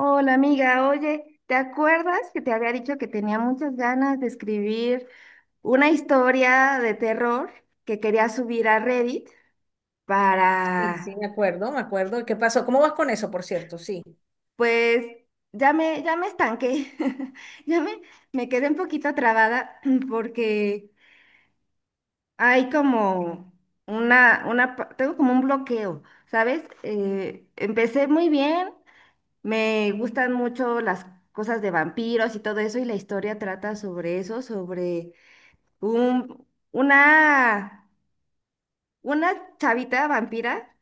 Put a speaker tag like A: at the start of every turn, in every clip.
A: Hola amiga, oye, ¿te acuerdas que te había dicho que tenía muchas ganas de escribir una historia de terror que quería subir a Reddit
B: Sí, sí,
A: para,
B: me acuerdo, me acuerdo. ¿Qué pasó? ¿Cómo vas con eso, por cierto? Sí.
A: pues, ya me estanqué? ya me, Me quedé un poquito trabada porque hay como una, pa- tengo como un bloqueo, ¿sabes? Empecé muy bien, me gustan mucho las cosas de vampiros y todo eso, y la historia trata sobre eso, sobre un- una, una chavita vampira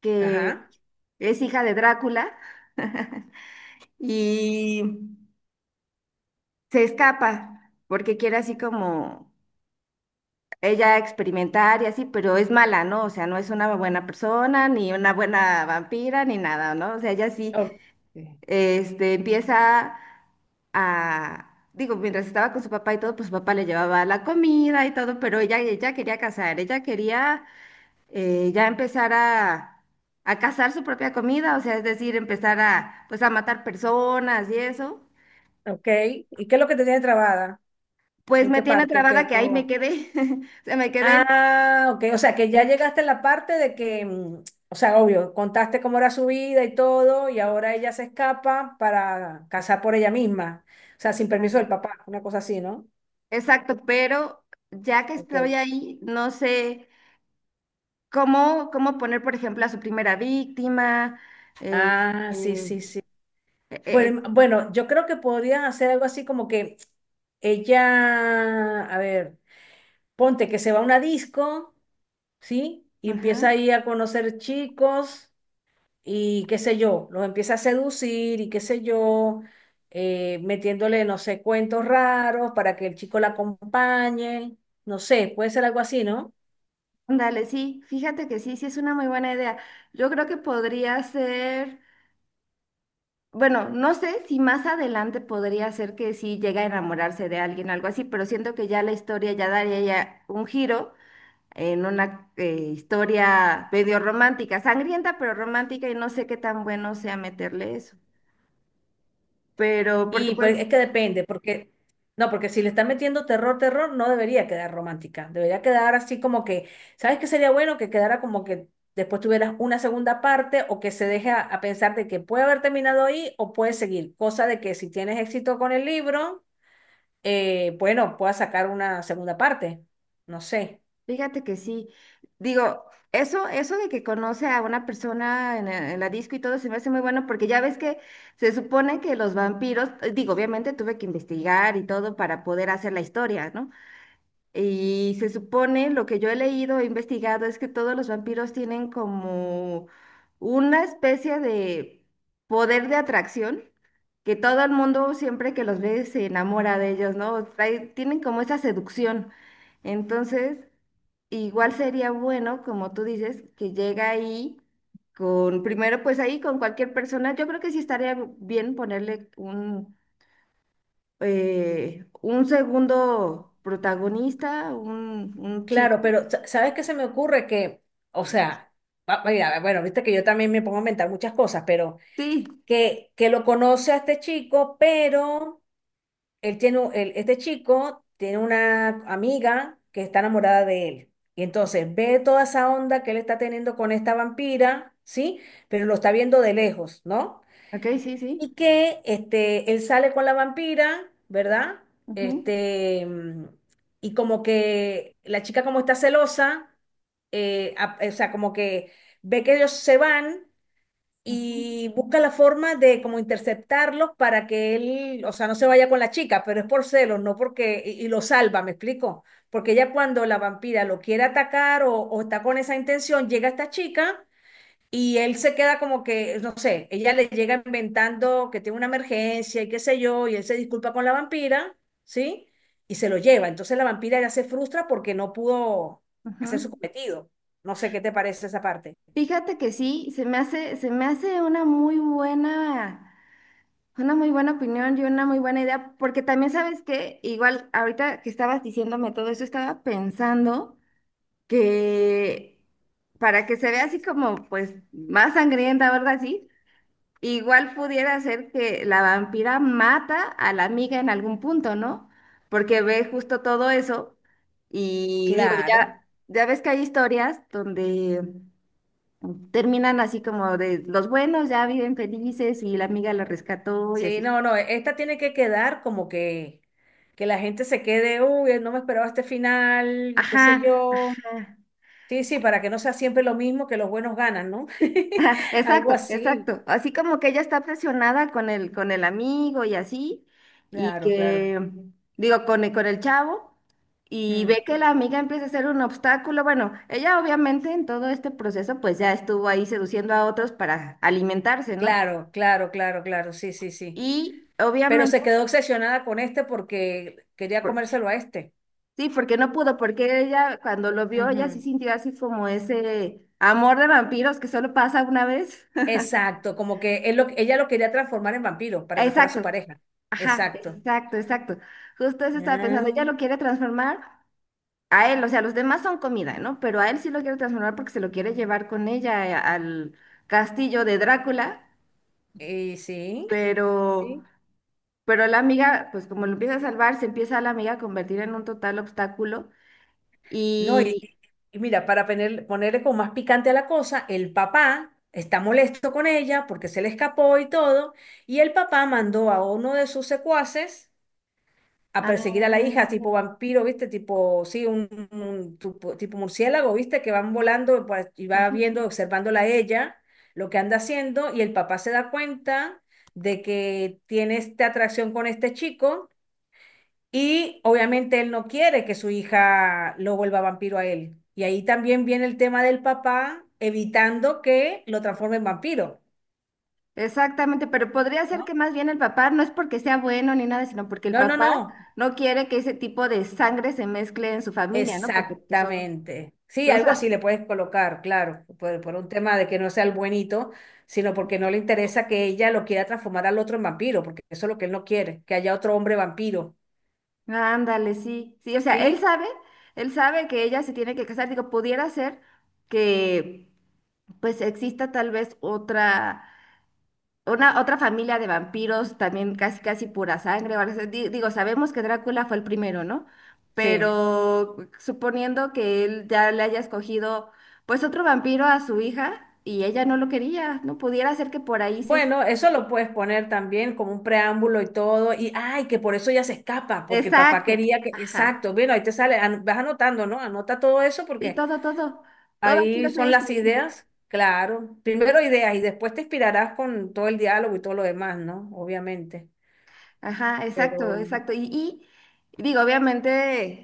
A: que
B: Ajá.
A: es hija de Drácula. Y se escapa porque quiere así como ella experimentar y así, pero es mala, ¿no? O sea, no es una buena persona, ni una buena vampira, ni nada, ¿no? O sea, ella sí,
B: O-
A: empieza. Digo, mientras estaba con su papá y todo, pues su papá le llevaba la comida y todo, pero ella quería casar, ella quería, ya empezar a cazar su propia comida, o sea, es decir, empezar pues a matar personas y eso.
B: ok. ¿Y qué es lo que te tiene trabada?
A: Pues
B: ¿En
A: me
B: qué
A: tiene
B: parte? Ok,
A: trabada, que ahí
B: ¿cómo
A: me
B: va?
A: quedé. O sea, me quedé.
B: Ah, ok. O sea, que ya llegaste a la parte de que, o sea, obvio, contaste cómo era su vida y todo, y ahora ella se escapa para casar por ella misma. O sea, sin
A: Ah,
B: permiso del papá, una cosa así, ¿no?
A: exacto, pero ya que
B: Ok.
A: estoy ahí, no sé cómo poner, por ejemplo, a su primera víctima. eh,
B: Ah, sí,
A: eh,
B: sí, sí.
A: eh, eh,
B: Bueno, bueno, yo creo que podrías hacer algo así como que ella, a ver. Ponte que se va a una disco, ¿sí? Y
A: ajá,
B: empieza ahí a conocer chicos y qué sé yo, los empieza a seducir y qué sé yo, metiéndole, no sé, cuentos raros para que el chico la acompañe, no sé, puede ser algo así, ¿no?
A: ándale, sí, fíjate que sí, sí es una muy buena idea. Yo creo que podría ser... Bueno, no sé si más adelante podría ser que sí llegue a enamorarse de alguien, algo así, pero siento que ya la historia ya daría ya un giro en una, historia medio romántica, sangrienta pero romántica, y no sé qué tan bueno sea meterle eso. Pero porque
B: Y pues
A: pues,
B: es que depende, porque no, porque si le están metiendo terror, terror, no debería quedar romántica, debería quedar así como que, ¿sabes qué sería bueno? Que quedara como que después tuvieras una segunda parte o que se deje a pensar de que puede haber terminado ahí o puede seguir, cosa de que si tienes éxito con el libro, bueno, puedas sacar una segunda parte, no sé.
A: fíjate que sí, digo, eso de que conoce a una persona en la disco, y todo se me hace muy bueno porque ya ves que se supone que los vampiros, digo, obviamente tuve que investigar y todo para poder hacer la historia, ¿no? Y se supone, lo que yo he leído, he investigado, es que todos los vampiros tienen como una especie de poder de atracción, que todo el mundo siempre que los ve se enamora de ellos, ¿no? Tienen como esa seducción. Entonces, igual sería bueno, como tú dices, que llega ahí con, primero pues ahí con cualquier persona. Yo creo que sí estaría bien ponerle un, un segundo protagonista, un
B: Claro,
A: chico.
B: pero ¿sabes qué se me ocurre? Que, o sea, mira, bueno, viste que yo también me pongo a inventar muchas cosas, pero...
A: Sí,
B: que lo conoce a este chico, pero él tiene, este chico tiene una amiga que está enamorada de él. Y entonces ve toda esa onda que él está teniendo con esta vampira, ¿sí? Pero lo está viendo de lejos, ¿no?
A: ok, sí, sí.
B: Y que este, él sale con la vampira, ¿verdad?
A: Ujú,
B: Este, y como que la chica como está celosa, o sea, como que ve que ellos se van
A: ujú,
B: y busca la forma de como interceptarlos para que él, o sea, no se vaya con la chica, pero es por celos, no porque, y lo salva, ¿me explico? Porque ella cuando la vampira lo quiere atacar o está con esa intención, llega esta chica y él se queda como que, no sé, ella le llega inventando que tiene una emergencia y qué sé yo, y él se disculpa con la vampira, ¿sí? Y se lo lleva. Entonces la vampira ya se frustra porque no pudo hacer su
A: ujú.
B: cometido. No sé qué te parece esa parte.
A: Fíjate que sí, se me hace una muy buena opinión, y una muy buena idea, porque también sabes que, igual ahorita que estabas diciéndome todo eso, estaba pensando que para que se vea así como pues más sangrienta o algo así, igual pudiera ser que la vampira mata a la amiga en algún punto, ¿no? Porque ve justo todo eso. Y digo,
B: Claro.
A: ya ves que hay historias donde terminan así como de los buenos ya viven felices y la amiga la rescató y así.
B: Sí, no, no, esta tiene que quedar como que la gente se quede, uy, no me esperaba este final, qué sé
A: Ajá,
B: yo.
A: ajá.
B: Sí, sí, para que no sea siempre lo mismo que los buenos ganan, ¿no? Algo
A: Exacto,
B: así.
A: exacto. Así como que ella está presionada con el amigo y así, y
B: Claro, claro.
A: que, digo, con el chavo, y
B: Mm.
A: ve que la amiga empieza a ser un obstáculo. Bueno, ella obviamente en todo este proceso pues ya estuvo ahí seduciendo a otros para alimentarse, ¿no?
B: Claro, claro, claro, claro, sí, sí, sí.
A: Y
B: Pero
A: obviamente,
B: se quedó obsesionada con este porque quería
A: por-
B: comérselo a este.
A: sí, porque no pudo, porque ella cuando lo vio, ella
B: Ujú.
A: sí sintió así como ese amor de vampiros que solo pasa una vez.
B: Exacto, como que ella lo quería transformar en vampiro para que fuera su
A: Exacto.
B: pareja.
A: Ajá,
B: Exacto.
A: exacto, exacto. Justo eso estaba pensando.
B: Ah,
A: Ella lo quiere transformar a él, o sea, los demás son comida, ¿no? Pero a él sí lo quiere transformar porque se lo quiere llevar con ella, al castillo de Drácula,
B: y sí.
A: pero,
B: Sí.
A: pero la amiga, pues como lo empieza a salvar, se empieza a la amiga a convertir en un total obstáculo
B: No,
A: y...
B: y mira, para ponerle como más picante a la cosa, el papá está molesto con ella porque se le escapó y todo, y el papá mandó a uno de sus secuaces a
A: Ah,
B: perseguir a la hija, tipo
A: ándale.
B: vampiro, ¿viste? Tipo, sí, un tipo, tipo murciélago, ¿viste? Que van volando pues, y va viendo, observándola a ella, lo que anda haciendo, y el papá se da cuenta de que tiene esta atracción con este chico. Y obviamente él no quiere que su hija lo vuelva vampiro a él. Y ahí también viene el tema del papá evitando que lo transforme en vampiro,
A: Exactamente, pero podría ser
B: ¿no?
A: que más bien el papá no es porque sea bueno ni nada, sino porque el
B: No, no,
A: papá
B: no.
A: no quiere que ese tipo de sangre se mezcle en su familia, ¿no? Porque pues son,
B: Exactamente. Sí,
A: son,
B: algo así
A: sa-
B: le puedes colocar, claro, por un tema de que no sea el buenito, sino porque no le interesa que ella lo quiera transformar al otro en vampiro, porque eso es lo que él no quiere, que haya otro hombre vampiro.
A: Ándale, sí, sí, o sea,
B: ¿Sí?
A: él sabe que ella se tiene que casar, digo, pudiera ser que pues exista tal vez otra familia de vampiros, también casi casi pura sangre, o algo así. Digo, sabemos que Drácula fue el primero, ¿no?
B: Sí.
A: Pero suponiendo que él ya le haya escogido pues otro vampiro a su hija y ella no lo quería, no pudiera ser que por ahí se...
B: Bueno, eso lo puedes poner también como un preámbulo y todo, y ay, que por eso ella se escapa, porque el papá
A: Exacto,
B: quería que,
A: ajá.
B: exacto, bueno, ahí te sale, vas anotando, ¿no? Anota todo eso
A: Y
B: porque
A: todo, todo, todo aquí lo
B: ahí
A: estoy
B: son las
A: escribiendo.
B: ideas, claro, primero ideas y después te inspirarás con todo el diálogo y todo lo demás, ¿no? Obviamente,
A: Ajá, exacto,
B: pero
A: exacto. Y digo, obviamente.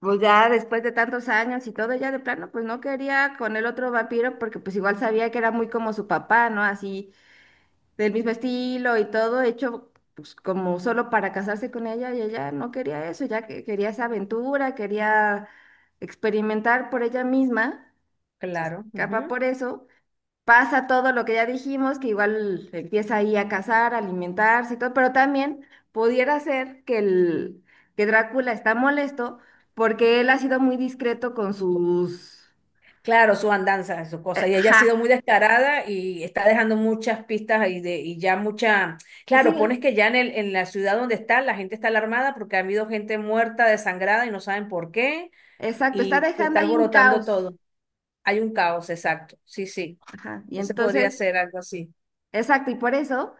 A: Pues ya después de tantos años y todo, ya de plano, pues no quería con el otro vampiro porque pues igual sabía que era muy como su papá, ¿no? Así, del mismo estilo y todo, hecho pues como solo para casarse con ella, y ella no quería eso, ya que quería esa aventura, quería experimentar por ella misma. Se
B: claro.
A: escapa por eso. Pasa todo lo que ya dijimos, que igual empieza ahí a cazar, a alimentarse y todo, pero también pudiera ser que, que Drácula está molesto porque él ha sido muy discreto con sus...
B: Claro, su andanza, su cosa.
A: eh,
B: Y ella ha sido
A: ja,
B: muy descarada y está dejando muchas pistas y ya mucha...
A: sí,
B: Claro, pones que ya en la ciudad donde está, la gente está alarmada porque ha habido gente muerta, desangrada y no saben por qué.
A: exacto, está
B: Y se
A: dejando
B: está
A: ahí un
B: alborotando
A: caos.
B: todo. Hay un caos, exacto. Sí, sí.
A: Ajá, y
B: Ese podría
A: entonces,
B: ser algo así,
A: exacto. Y por eso,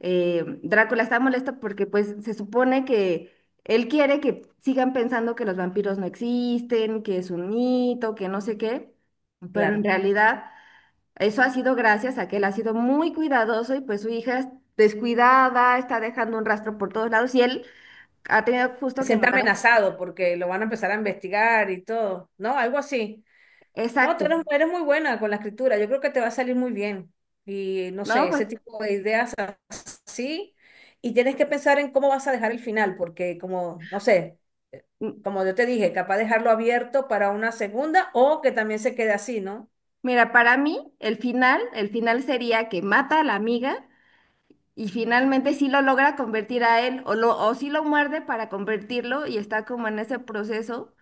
A: Drácula está molesto porque pues se supone que... Él quiere que sigan pensando que los vampiros no existen, que es un mito, que no sé qué, pero en
B: claro.
A: realidad eso ha sido gracias a que él ha sido muy cuidadoso, y pues su hija es descuidada, está dejando un rastro por todos lados y él ha tenido justo
B: Se
A: que
B: siente
A: mandar a su...
B: amenazado porque lo van a empezar a investigar y todo. No, algo así. No,
A: Exacto,
B: eres muy buena con la escritura. Yo creo que te va a salir muy bien. Y no sé,
A: ¿no? Pues
B: ese tipo de ideas sí y tienes que pensar en cómo vas a dejar el final, porque como, no sé,
A: m-
B: como yo te dije, capaz dejarlo abierto para una segunda o que también se quede así, ¿no?
A: mira, para mí el final sería que mata a la amiga y finalmente sí lo logra convertir a él o sí lo muerde para convertirlo y está como en ese proceso,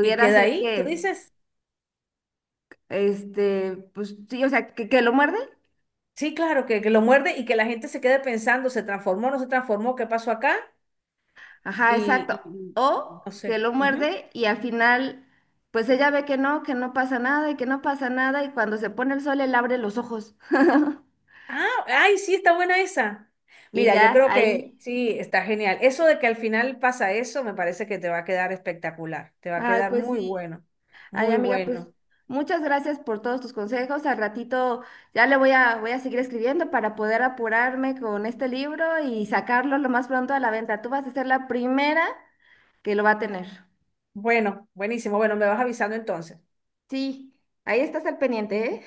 B: Y queda
A: ser
B: ahí, tú
A: que,
B: dices,
A: este, pues sí, o sea, que lo muerde.
B: sí, claro, que lo muerde y que la gente se quede pensando, ¿se transformó, no se transformó, qué pasó acá?
A: Ajá, exacto.
B: Y, y- y
A: O
B: no
A: que
B: sé.
A: lo
B: Ujú.
A: muerde, y al final pues ella ve que no pasa nada, y que no pasa nada, y cuando se pone el sol él abre los ojos.
B: Ah, ay, sí, está buena esa.
A: Y
B: Mira, yo
A: ya,
B: creo que
A: ahí.
B: sí, está genial. Eso de que al final pasa eso, me parece que te va a quedar espectacular, te va a
A: Ay,
B: quedar
A: pues
B: muy
A: sí.
B: bueno,
A: Ay,
B: muy
A: amiga, pues
B: bueno.
A: muchas gracias por todos tus consejos. Al ratito ya le voy a seguir escribiendo para poder apurarme con este libro y sacarlo lo más pronto a la venta. Tú vas a ser la primera que lo va a tener.
B: Bueno, buenísimo. Bueno, me vas avisando entonces.
A: Sí, ahí estás al pendiente, ¿eh?